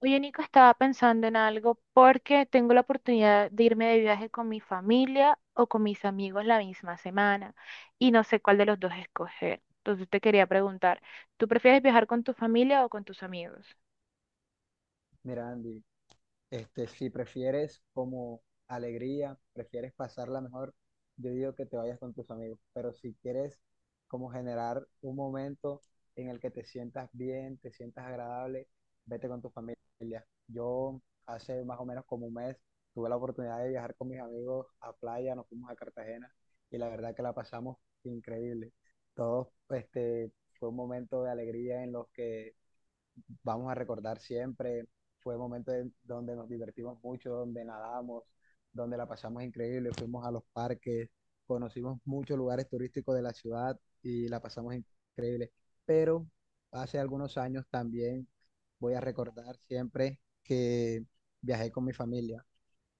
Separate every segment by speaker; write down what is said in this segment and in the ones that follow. Speaker 1: Oye, Nico, estaba pensando en algo porque tengo la oportunidad de irme de viaje con mi familia o con mis amigos la misma semana y no sé cuál de los dos escoger. Entonces te quería preguntar, ¿tú prefieres viajar con tu familia o con tus amigos?
Speaker 2: Mira, Andy, si prefieres como alegría, prefieres pasarla mejor, yo digo que te vayas con tus amigos, pero si quieres como generar un momento en el que te sientas bien, te sientas agradable, vete con tu familia. Yo hace más o menos como un mes tuve la oportunidad de viajar con mis amigos a playa, nos fuimos a Cartagena y la verdad que la pasamos increíble. Todos, fue un momento de alegría en los que vamos a recordar siempre. Fue un momento de- Donde nos divertimos mucho, donde nadamos, donde la pasamos increíble, fuimos a los parques, conocimos muchos lugares turísticos de la ciudad y la pasamos increíble. Pero hace algunos años también voy a recordar siempre que viajé con mi familia.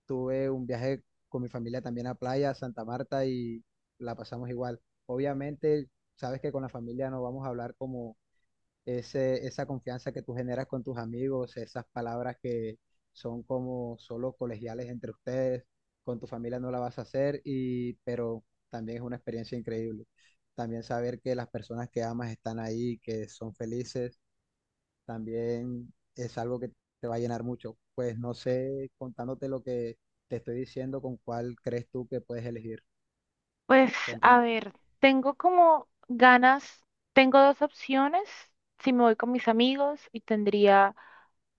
Speaker 2: Tuve un viaje con mi familia también a playa, a Santa Marta y la pasamos igual. Obviamente, sabes que con la familia no vamos a hablar como esa confianza que tú generas con tus amigos, esas palabras que son como solo colegiales entre ustedes, con tu familia no la vas a hacer, y, pero también es una experiencia increíble. También saber que las personas que amas están ahí, que son felices, también es algo que te va a llenar mucho. Pues no sé, contándote lo que te estoy diciendo, con cuál crees tú que puedes elegir.
Speaker 1: Pues a
Speaker 2: Cuéntame.
Speaker 1: ver, tengo como ganas, tengo 2 opciones, si me voy con mis amigos y tendría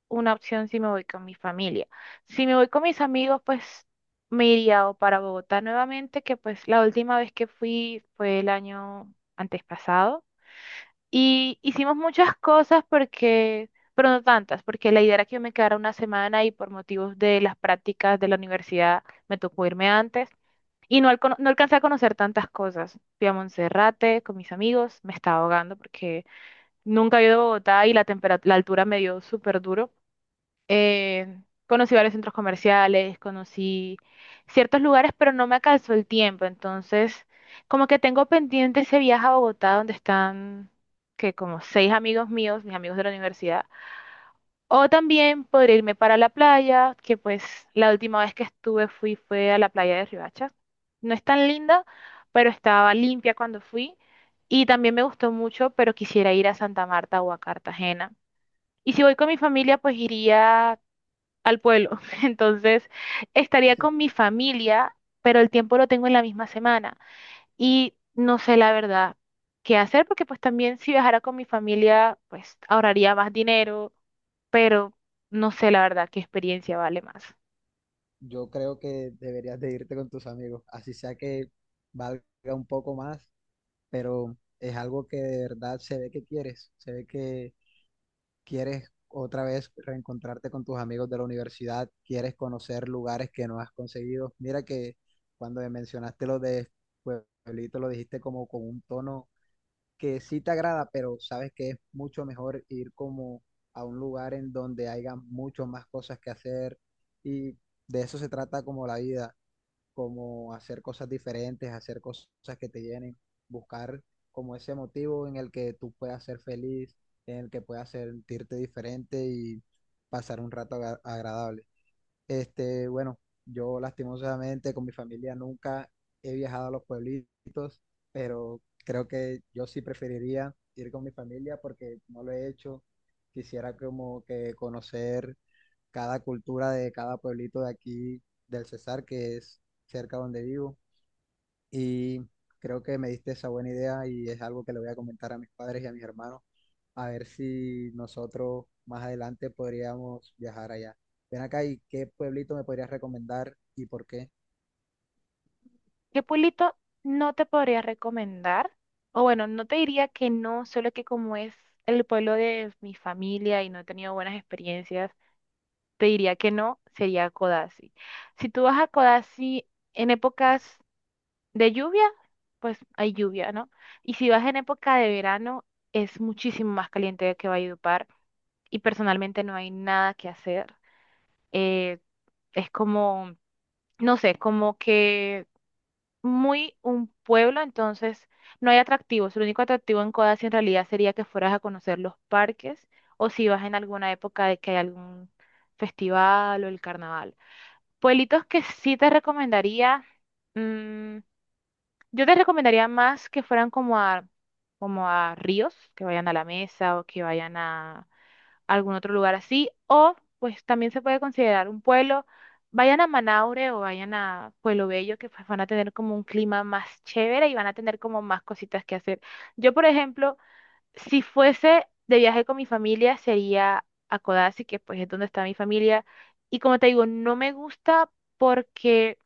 Speaker 1: una opción si me voy con mi familia. Si me voy con mis amigos, pues me iría o para Bogotá nuevamente, que pues la última vez que fui fue el año antes pasado. Y hicimos muchas cosas porque, pero no tantas, porque la idea era que yo me quedara una semana y por motivos de las prácticas de la universidad me tocó irme antes. Y no, no alcancé a conocer tantas cosas. Fui a Monserrate con mis amigos, me estaba ahogando porque nunca he ido a Bogotá y la la altura me dio súper duro. Conocí varios centros comerciales, conocí ciertos lugares, pero no me alcanzó el tiempo. Entonces, como que tengo pendiente ese viaje a Bogotá donde están, que como 6 amigos míos, mis amigos de la universidad, o también podría irme para la playa, que pues la última vez que estuve fui fue a la playa de Riohacha. No es tan linda, pero estaba limpia cuando fui. Y también me gustó mucho, pero quisiera ir a Santa Marta o a Cartagena. Y si voy con mi familia, pues iría al pueblo. Entonces, estaría con mi familia, pero el tiempo lo tengo en la misma semana y no sé la verdad qué hacer, porque pues también si viajara con mi familia, pues ahorraría más dinero, pero no sé la verdad qué experiencia vale más.
Speaker 2: Yo creo que deberías de irte con tus amigos, así sea que valga un poco más, pero es algo que de verdad se ve que quieres, se ve que quieres otra vez reencontrarte con tus amigos de la universidad, quieres conocer lugares que no has conseguido. Mira que cuando me mencionaste lo de Pueblito, lo dijiste como con un tono que sí te agrada, pero sabes que es mucho mejor ir como a un lugar en donde haya mucho más cosas que hacer y de eso se trata como la vida como hacer cosas diferentes, hacer cosas que te llenen, buscar como ese motivo en el que tú puedas ser feliz, en el que puedas sentirte diferente y pasar un rato agradable. Bueno, yo lastimosamente con mi familia nunca he viajado a los pueblitos, pero creo que yo sí preferiría ir con mi familia porque no lo he hecho. Quisiera como que conocer cada cultura de cada pueblito de aquí del Cesar, que es cerca donde vivo. Y creo que me diste esa buena idea y es algo que le voy a comentar a mis padres y a mis hermanos, a ver si nosotros más adelante podríamos viajar allá. Ven acá y qué pueblito me podrías recomendar y por qué.
Speaker 1: ¿Qué pueblito no te podría recomendar? O bueno, no te diría que no, solo que como es el pueblo de mi familia y no he tenido buenas experiencias, te diría que no, sería Codazzi. Si tú vas a Codazzi en épocas de lluvia, pues hay lluvia, ¿no? Y si vas en época de verano, es muchísimo más caliente que Valledupar y personalmente no hay nada que hacer. Eh, es como, no sé, como que muy un pueblo, entonces no hay atractivos. El único atractivo en Codazzi en realidad sería que fueras a conocer los parques o si vas en alguna época de que hay algún festival o el carnaval. Pueblitos que sí te recomendaría. mm, Yo te recomendaría más que fueran como a, como a ríos, que vayan a la mesa o que vayan a algún otro lugar así, o pues también se puede considerar un pueblo, vayan a Manaure o vayan a Pueblo Bello, que pues van a tener como un clima más chévere y van a tener como más cositas que hacer. Yo, por ejemplo, si fuese de viaje con mi familia, sería a Codazzi, que pues es donde está mi familia. Y como te digo, no me gusta porque,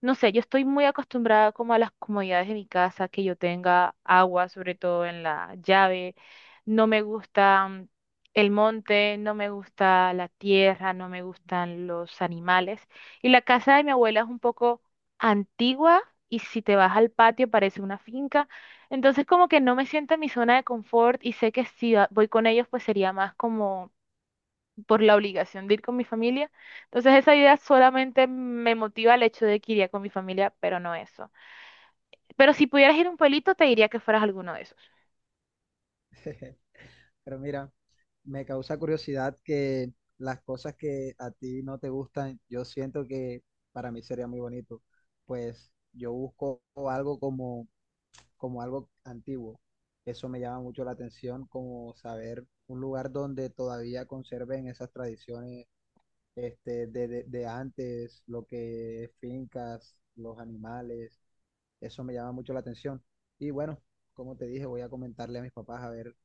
Speaker 1: no sé, yo estoy muy acostumbrada como a las comodidades de mi casa, que yo tenga agua, sobre todo en la llave. No me gusta el monte, no me gusta la tierra, no me gustan los animales. Y la casa de mi abuela es un poco antigua y si te vas al patio parece una finca. Entonces como que no me siento en mi zona de confort y sé que si voy con ellos pues sería más como por la obligación de ir con mi familia. Entonces esa idea solamente me motiva el hecho de que iría con mi familia, pero no eso. Pero si pudieras ir a un pueblito te diría que fueras alguno de esos.
Speaker 2: Pero mira, me causa curiosidad que las cosas que a ti no te gustan, yo siento que para mí sería muy bonito. Pues yo busco algo como como algo antiguo. Eso me llama mucho la atención, como saber un lugar donde todavía conserven esas tradiciones de antes, lo que es fincas, los animales, eso me llama mucho la atención. Y bueno, como te dije, voy a comentarle a mis papás a ver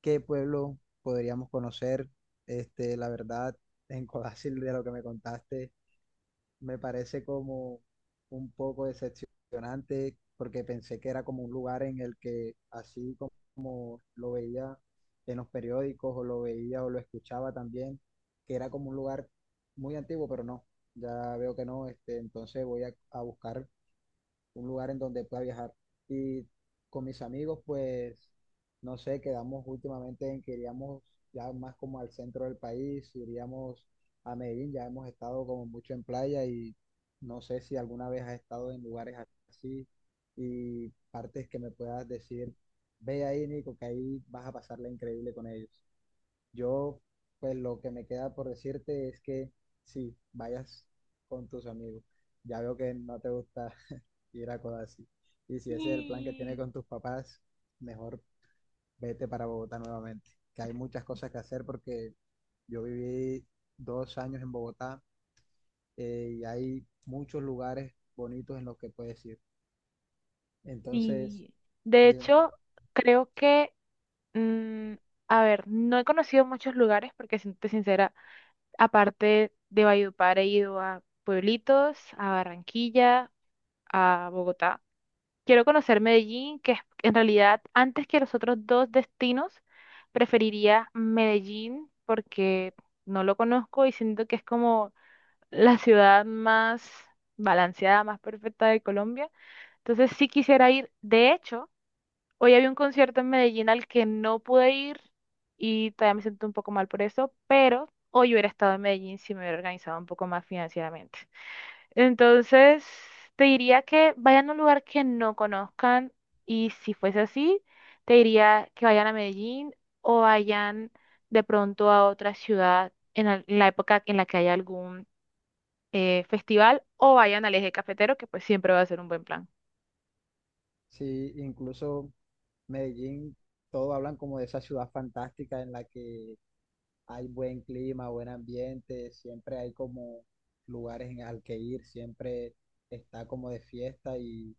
Speaker 2: qué pueblo podríamos conocer. La verdad, en Codácil, de lo que me contaste me parece como un poco decepcionante porque pensé que era como un lugar en el que así como lo veía en los periódicos o lo veía o lo escuchaba también, que era como un lugar muy antiguo, pero no, ya veo que no, entonces voy a buscar un lugar en donde pueda viajar. Y con mis amigos, pues, no sé, quedamos últimamente en que iríamos ya más como al centro del país, iríamos a Medellín, ya hemos estado como mucho en playa y no sé si alguna vez has estado en lugares así y partes que me puedas decir, ve ahí, Nico, que ahí vas a pasarla increíble con ellos. Yo, pues, lo que me queda por decirte es que sí, vayas con tus amigos. Ya veo que no te gusta ir a Codazzi. Y si ese es el plan que tienes
Speaker 1: Sí.
Speaker 2: con tus papás, mejor vete para Bogotá nuevamente, que hay muchas cosas que hacer porque yo viví 2 años en Bogotá y hay muchos lugares bonitos en los que puedes ir. Entonces,
Speaker 1: Y de
Speaker 2: dime,
Speaker 1: hecho creo que, mm, a ver, no he conocido muchos lugares porque siento sincera, aparte de Valledupar he ido a pueblitos, a Barranquilla, a Bogotá. Quiero conocer Medellín, que en realidad antes que los otros 2 destinos, preferiría Medellín porque no lo conozco y siento que es como la ciudad más balanceada, más perfecta de Colombia. Entonces sí quisiera ir. De hecho, hoy había un concierto en Medellín al que no pude ir y todavía me siento un poco mal por eso, pero hoy hubiera estado en Medellín si me hubiera organizado un poco más financieramente. Entonces, te diría que vayan a un lugar que no conozcan y si fuese así, te diría que vayan a Medellín o vayan de pronto a otra ciudad en en la época en la que haya algún festival o vayan al Eje Cafetero, que pues siempre va a ser un buen plan.
Speaker 2: sí, incluso Medellín, todos hablan como de esa ciudad fantástica en la que hay buen clima, buen ambiente, siempre hay como lugares en, al que ir, siempre está como de fiesta y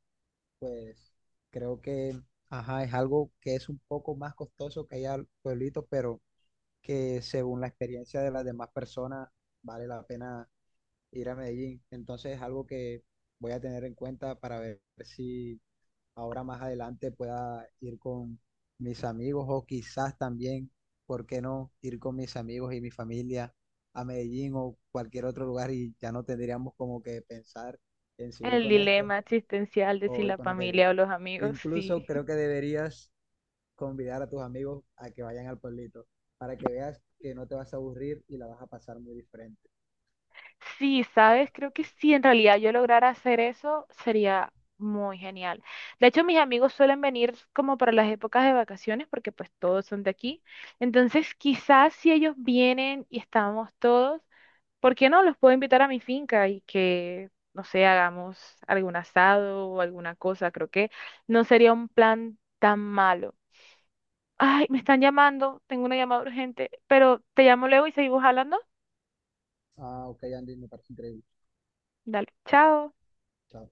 Speaker 2: pues creo que, ajá, es algo que es un poco más costoso que allá en pueblitos, pero que según la experiencia de las demás personas vale la pena ir a Medellín. Entonces es algo que voy a tener en cuenta para ver si ahora más adelante pueda ir con mis amigos o quizás también, ¿por qué no ir con mis amigos y mi familia a Medellín o cualquier otro lugar y ya no tendríamos como que pensar en si voy
Speaker 1: El
Speaker 2: con esto
Speaker 1: dilema existencial de
Speaker 2: o
Speaker 1: si
Speaker 2: voy
Speaker 1: la
Speaker 2: con aquello?
Speaker 1: familia o los amigos,
Speaker 2: Incluso
Speaker 1: sí.
Speaker 2: creo que deberías convidar a tus amigos a que vayan al pueblito para que veas que no te vas a aburrir y la vas a pasar muy diferente.
Speaker 1: Sí, sabes, creo que si en realidad yo lograra hacer eso, sería muy genial. De hecho, mis amigos suelen venir como para las épocas de vacaciones, porque pues todos son de aquí. Entonces, quizás si ellos vienen y estamos todos, ¿por qué no los puedo invitar a mi finca y que, no sé, hagamos algún asado o alguna cosa? Creo que no sería un plan tan malo. Ay, me están llamando, tengo una llamada urgente, pero te llamo luego y seguimos hablando.
Speaker 2: Ah, ok, Andy, me parece increíble.
Speaker 1: Dale, chao.
Speaker 2: Chao.